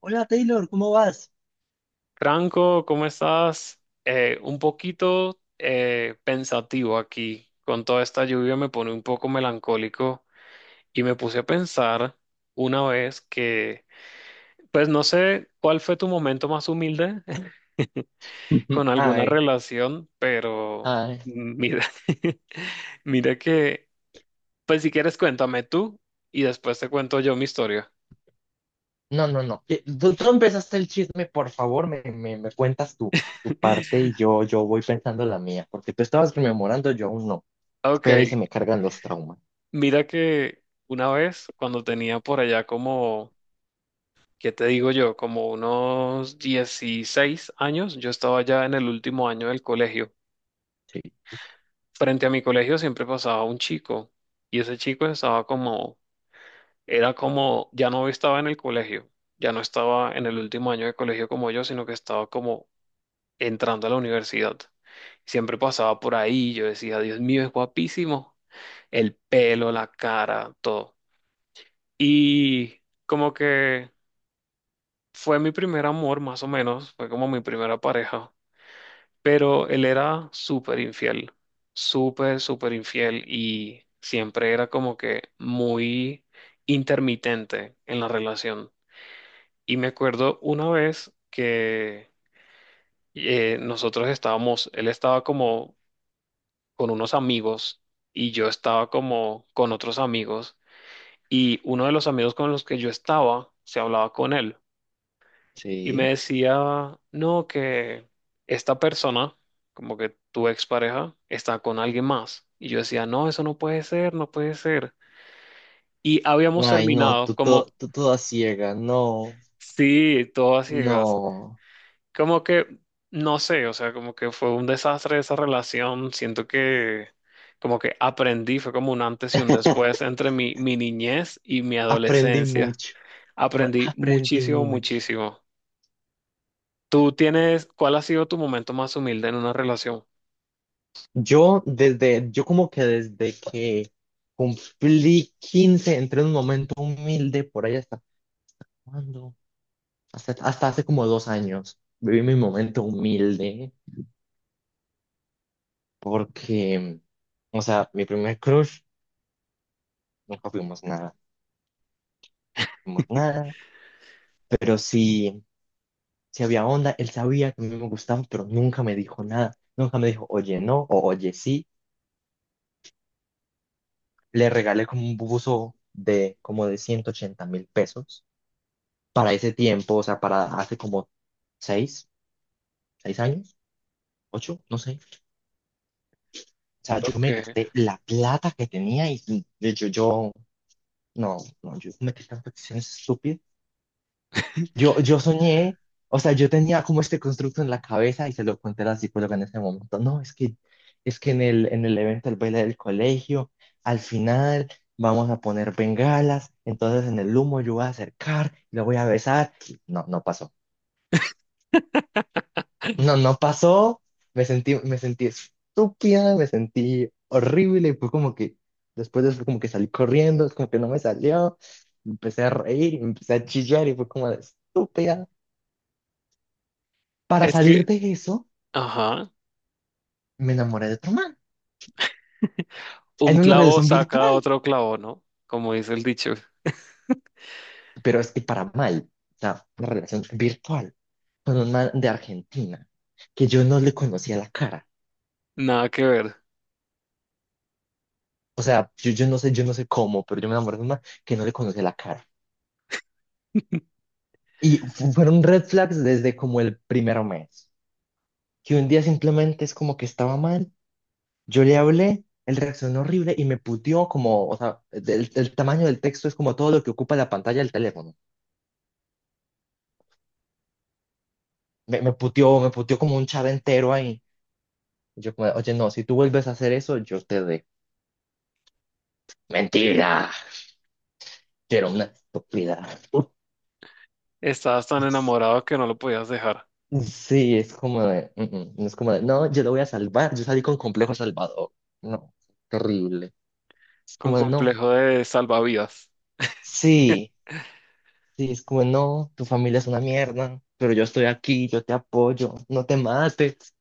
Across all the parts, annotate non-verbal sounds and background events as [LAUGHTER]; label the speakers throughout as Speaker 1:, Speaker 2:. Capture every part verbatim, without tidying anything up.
Speaker 1: Hola Taylor, ¿cómo vas?
Speaker 2: Franco, ¿cómo estás? Eh, un poquito eh, pensativo aquí. Con toda esta lluvia me pone un poco melancólico y me puse a pensar una vez que, pues no sé cuál fue tu momento más humilde [LAUGHS]
Speaker 1: Ujú.
Speaker 2: con alguna
Speaker 1: Ay,
Speaker 2: relación, pero
Speaker 1: ay.
Speaker 2: mira, [LAUGHS] mira que, pues si quieres cuéntame tú y después te cuento yo mi historia.
Speaker 1: No, no, no. Eh, Tú, tú empezaste el chisme, por favor, me, me, me cuentas tu, tu parte,
Speaker 2: [LAUGHS]
Speaker 1: y yo, yo voy pensando la mía, porque tú estabas rememorando, yo aún no.
Speaker 2: Ok,
Speaker 1: Espera y se me cargan los traumas.
Speaker 2: mira que una vez cuando tenía por allá como ¿qué te digo yo? Como unos dieciséis años, yo estaba ya en el último año del colegio.
Speaker 1: Sí,
Speaker 2: Frente a mi colegio siempre pasaba un chico y ese chico estaba como, era como, ya no estaba en el colegio, ya no estaba en el último año de colegio como yo, sino que estaba como entrando a la universidad. Siempre pasaba por ahí y yo decía, Dios mío, es guapísimo. El pelo, la cara, todo. Y como que fue mi primer amor, más o menos, fue como mi primera pareja. Pero él era súper infiel, súper, súper infiel y siempre era como que muy intermitente en la relación. Y me acuerdo una vez que eh, nosotros estábamos, él estaba como con unos amigos y yo estaba como con otros amigos y uno de los amigos con los que yo estaba se hablaba con él. Y me
Speaker 1: sí.
Speaker 2: decía, no, que esta persona, como que tu expareja, está con alguien más. Y yo decía, no, eso no puede ser, no puede ser. Y habíamos
Speaker 1: Ay, no,
Speaker 2: terminado,
Speaker 1: tú,
Speaker 2: como,
Speaker 1: to- tú toda ciega, no,
Speaker 2: sí, todas ciegas.
Speaker 1: no.
Speaker 2: Como que, no sé, o sea, como que fue un desastre esa relación. Siento que, como que aprendí, fue como un antes y un después entre mi, mi niñez y mi
Speaker 1: Aprendí
Speaker 2: adolescencia.
Speaker 1: mucho, mu-
Speaker 2: Aprendí
Speaker 1: Aprendí
Speaker 2: muchísimo,
Speaker 1: mucho.
Speaker 2: muchísimo. ¿Tú tienes, cuál ha sido tu momento más humilde en una relación?
Speaker 1: Yo desde, yo como que desde que cumplí quince entré en un momento humilde por allá. ¿Cuándo? Hasta, hasta hace como dos años viví mi momento humilde, porque, o sea, mi primer crush, nunca fuimos nada, fuimos nada, pero sí, sí había onda, él sabía que a mí me gustaba, pero nunca me dijo nada, nunca me dijo, oye, no, o oye, sí. Le regalé como un buzo de como de ciento ochenta mil pesos para ese tiempo, o sea, para hace como seis, seis años, ocho, no sé. O sea, yo
Speaker 2: Ok.
Speaker 1: me gasté la plata que tenía y de hecho yo. No, no, yo cometí tantas acciones estúpidas. Yo,
Speaker 2: [LAUGHS]
Speaker 1: yo soñé, o sea, yo tenía como este constructo en la cabeza y se lo conté a la psicóloga en ese momento. No, es que, es que en el, en el evento del baile del colegio, al final vamos a poner bengalas, entonces en el humo yo voy a acercar, lo voy a besar. No, no pasó. No, no pasó. Me sentí, me sentí estúpida, me sentí horrible. Y fue como que, después de eso, como que salí corriendo, es como que no me salió. Empecé a reír, empecé a chillar y fue como de estúpida. Para
Speaker 2: Es que,
Speaker 1: salir de eso,
Speaker 2: ajá,
Speaker 1: me enamoré de otro man.
Speaker 2: un
Speaker 1: En una
Speaker 2: clavo
Speaker 1: relación
Speaker 2: saca
Speaker 1: virtual,
Speaker 2: otro clavo, ¿no? Como dice el dicho,
Speaker 1: pero es que para mal. O sea, una relación virtual con un man de Argentina que yo no le conocía la cara.
Speaker 2: nada que ver.
Speaker 1: O sea, yo, yo no sé, yo no sé cómo, pero yo me enamoré de un man que no le conocía la cara.
Speaker 2: [LAUGHS]
Speaker 1: Y fu- fueron red flags desde como el primer mes, que un día simplemente es como que estaba mal, yo le hablé, él reaccionó horrible y me puteó como, o sea, el, el tamaño del texto es como todo lo que ocupa la pantalla del teléfono. Me, me puteó, me puteó, como un chat entero ahí. Yo como, "Oye, no, si tú vuelves a hacer eso, yo te de". Mentira, quiero una estúpida. [LAUGHS]
Speaker 2: Estabas tan enamorado que no lo podías dejar,
Speaker 1: Sí, es como de, "Mm, mm", no es como de, "No, yo lo voy a salvar", yo salí con complejo salvador. No, qué horrible. Es
Speaker 2: con
Speaker 1: como de, no.
Speaker 2: complejo de salvavidas.
Speaker 1: Sí, sí, es como, "No, tu familia es una mierda, pero yo estoy aquí, yo te apoyo, no te mates".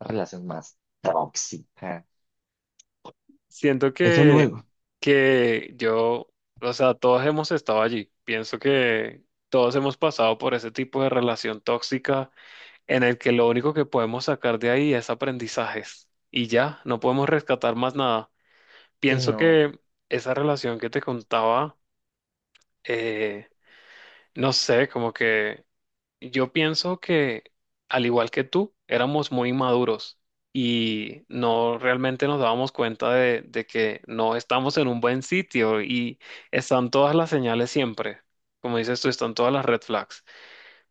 Speaker 1: La relación más tóxica.
Speaker 2: Siento
Speaker 1: Eso
Speaker 2: que,
Speaker 1: luego.
Speaker 2: que yo, o sea, todos hemos estado allí. Pienso que todos hemos pasado por ese tipo de relación tóxica en el que lo único que podemos sacar de ahí es aprendizajes. Y ya, no podemos rescatar más nada.
Speaker 1: Sí,
Speaker 2: Pienso
Speaker 1: no,
Speaker 2: que esa relación que te contaba eh, no sé, como que yo pienso que, al igual que tú, éramos muy inmaduros y no realmente nos dábamos cuenta de, de que no estamos en un buen sitio y están todas las señales siempre. Como dices tú, están todas las red flags.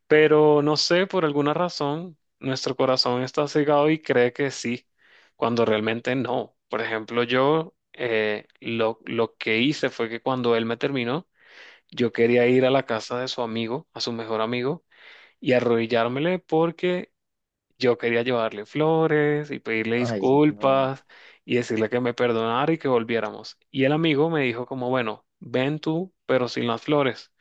Speaker 2: Pero no sé, por alguna razón, nuestro corazón está cegado y cree que sí, cuando realmente no. Por ejemplo, yo eh, lo, lo que hice fue que cuando él me terminó, yo quería ir a la casa de su amigo, a su mejor amigo, y arrodillármele porque yo quería llevarle flores y pedirle
Speaker 1: ay, no.
Speaker 2: disculpas y decirle que me perdonara y que volviéramos. Y el amigo me dijo como, bueno, ven tú, pero sin las flores.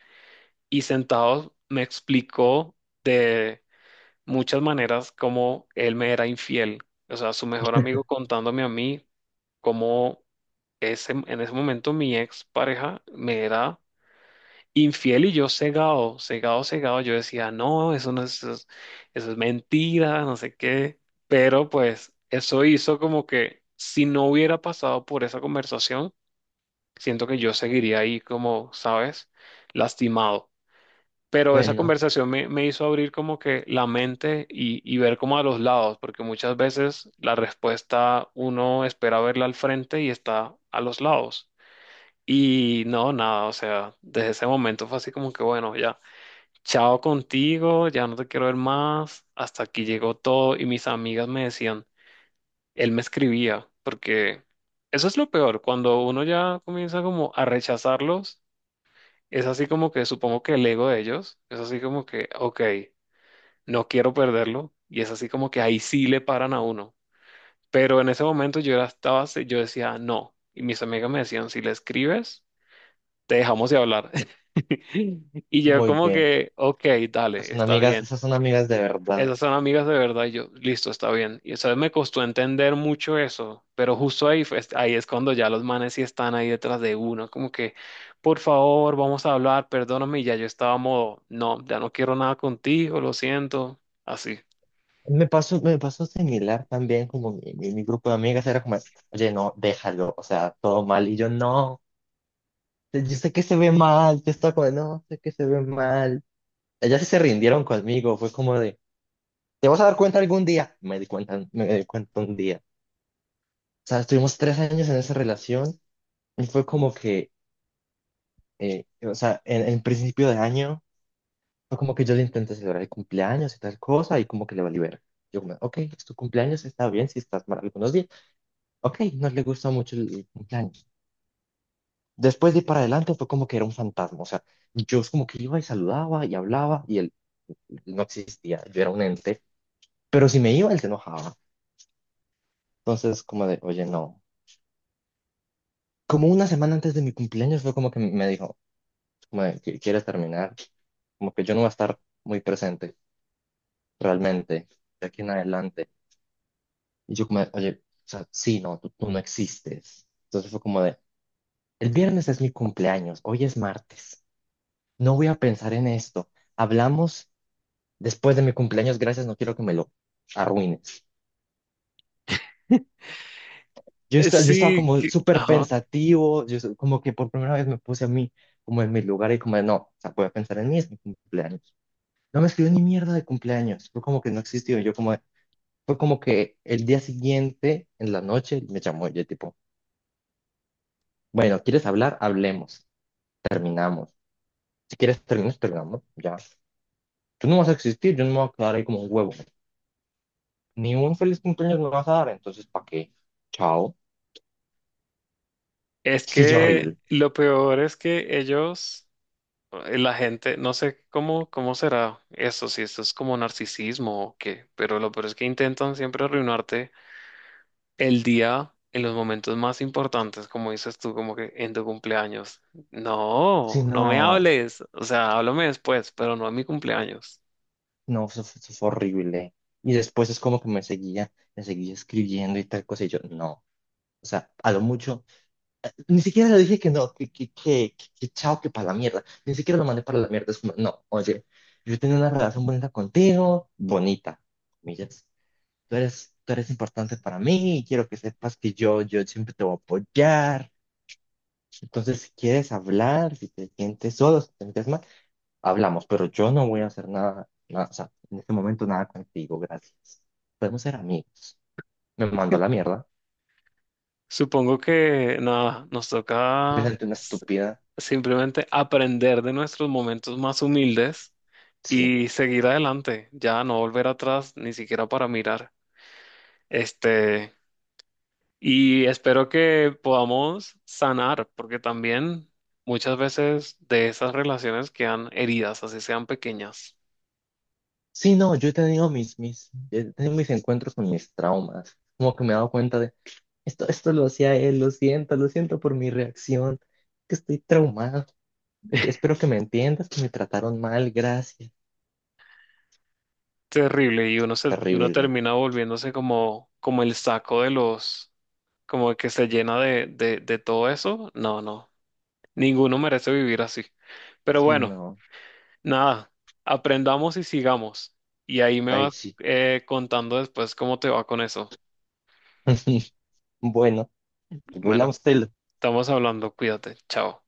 Speaker 2: Y sentados me explicó de muchas maneras cómo él me era infiel. O sea, su mejor amigo contándome a mí cómo ese, en ese momento mi ex pareja me era infiel y yo cegado, cegado, cegado. Yo decía, no, eso no es, eso es, eso es mentira, no sé qué. Pero pues eso hizo como que si no hubiera pasado por esa conversación, siento que yo seguiría ahí como, ¿sabes? Lastimado. Pero esa
Speaker 1: Bueno,
Speaker 2: conversación me, me hizo abrir como que la mente y, y ver como a los lados, porque muchas veces la respuesta uno espera verla al frente y está a los lados. Y no, nada, o sea, desde ese momento fue así como que bueno, ya chao contigo, ya no te quiero ver más, hasta aquí llegó todo y mis amigas me decían, él me escribía, porque eso es lo peor, cuando uno ya comienza como a rechazarlos, es así como que supongo que el ego de ellos, es así como que, ok, no quiero perderlo, y es así como que ahí sí le paran a uno, pero en ese momento yo ya estaba, así- yo decía, no, y mis amigas me decían, si le escribes, te dejamos de hablar. [LAUGHS] Y yo
Speaker 1: muy
Speaker 2: como
Speaker 1: bien.
Speaker 2: que, ok,
Speaker 1: Esas
Speaker 2: dale,
Speaker 1: son
Speaker 2: está
Speaker 1: amigas,
Speaker 2: bien.
Speaker 1: esas son amigas de verdad.
Speaker 2: Esas son amigas de verdad, y yo, listo, está bien. Y eso me costó entender mucho eso, pero justo ahí, fue- ahí es cuando ya los manes sí están ahí detrás de uno, como que, por favor, vamos a hablar, perdóname, y ya yo estaba modo, no, ya no quiero nada contigo, lo siento, así.
Speaker 1: Me pasó, me pasó similar también, como mi, mi, mi grupo de amigas era como, "Oye, no, déjalo", o sea, todo mal. Y yo, "No, yo sé que se ve mal", yo estaba como, "No, sé que se ve mal". Ellas sí se rindieron conmigo, fue como de, "Te vas a dar cuenta algún día". Me di cuenta, me di cuenta un día. O sea, estuvimos tres años en esa relación y fue como que, eh, o sea, en, en principio de año, fue como que yo le intenté celebrar el cumpleaños y tal cosa, y como que le valí ver. Yo como, "Ok, es tu cumpleaños, está bien, si estás mal algunos días. Ok, no le gusta mucho el, el cumpleaños". Después de ir para adelante fue como que era un fantasma. O sea, yo es como que iba y saludaba y hablaba, y él él no existía. Yo era un ente. Pero si me iba, él se enojaba. Entonces, como de, oye, no. Como una semana antes de mi cumpleaños fue como que me dijo, como de, "¿Qui- ¿quieres terminar? Como que yo no voy a estar muy presente realmente de aquí en adelante". Y yo como, de, "Oye, o sea, sí, no, tú, tú no existes". Entonces fue como de, el viernes es mi cumpleaños, hoy es martes, no voy a pensar en esto. Hablamos después de mi cumpleaños, gracias, no quiero que me lo arruines. Yo,
Speaker 2: Eh,
Speaker 1: esta- yo estaba
Speaker 2: Sí,
Speaker 1: como
Speaker 2: que-
Speaker 1: súper
Speaker 2: ajá.
Speaker 1: pensativo, yo so- como que por primera vez me puse a mí como en mi lugar y como de, no, o sea, voy a pensar en mí, es mi cumpleaños. No me escribió ni mierda de cumpleaños. Fue como que no existió. Yo como, de- fue como que el día siguiente, en la noche, me llamó. Yo tipo, "Bueno, ¿quieres hablar? Hablemos. Terminamos. Si quieres terminar, terminamos. Ya. Tú no vas a existir, yo no me voy a quedar ahí como un huevo. Ni un feliz cumpleaños me vas a dar, entonces, ¿para qué? Chao".
Speaker 2: Es
Speaker 1: Sí, yo
Speaker 2: que
Speaker 1: horrible.
Speaker 2: lo peor es que ellos, eh, la gente, no sé cómo, cómo será eso, si esto es como narcisismo o qué, pero lo peor es que intentan siempre arruinarte el día en los momentos más importantes, como dices tú, como que en tu cumpleaños.
Speaker 1: Sí,
Speaker 2: No, no me
Speaker 1: no,
Speaker 2: hables, o sea, háblame después, pero no en mi cumpleaños.
Speaker 1: no, eso, fue eso fue horrible. Y después es como que me seguía, me seguía escribiendo y tal cosa. Y yo, no. O sea, a lo mucho. Ni siquiera le dije que no, que, que, que, que, que chao, que para la mierda. Ni siquiera lo mandé para la mierda. Es como, "No, oye, yo tenía una relación bonita contigo, bonita, comillas. Tú eres, tú eres importante para mí y quiero que sepas que yo, yo siempre te voy a apoyar. Entonces, si quieres hablar, si te sientes solo, si te sientes mal, hablamos, pero yo no voy a hacer nada, nada, o sea, en este momento nada contigo, gracias. Podemos ser amigos". Me mandó a la mierda.
Speaker 2: Supongo que nada, nos
Speaker 1: Me
Speaker 2: toca
Speaker 1: senté una
Speaker 2: s-
Speaker 1: estúpida.
Speaker 2: simplemente aprender de nuestros momentos más humildes
Speaker 1: Sí.
Speaker 2: y seguir adelante, ya no volver atrás ni siquiera para mirar. Este, Y espero que podamos sanar, porque también muchas veces de esas relaciones quedan heridas, así sean pequeñas.
Speaker 1: Sí, no, yo he tenido mis, mis, he tenido mis encuentros con mis traumas. Como que me he dado cuenta de, esto, esto lo hacía él, lo siento, lo siento por mi reacción, que estoy traumado. Es-
Speaker 2: [LAUGHS]
Speaker 1: espero que me entiendas, que me trataron mal, gracias.
Speaker 2: Terrible, y uno se, uno
Speaker 1: Terrible.
Speaker 2: termina volviéndose como, como el saco de los, como que se llena de, de, de todo eso. No, no, ninguno merece vivir así. Pero
Speaker 1: Sí,
Speaker 2: bueno,
Speaker 1: no.
Speaker 2: nada, aprendamos y sigamos. Y ahí me
Speaker 1: Ay,
Speaker 2: vas
Speaker 1: sí.
Speaker 2: eh, contando después cómo te va con eso.
Speaker 1: [LAUGHS] Bueno,
Speaker 2: Bueno,
Speaker 1: volvamos
Speaker 2: estamos hablando, cuídate, chao.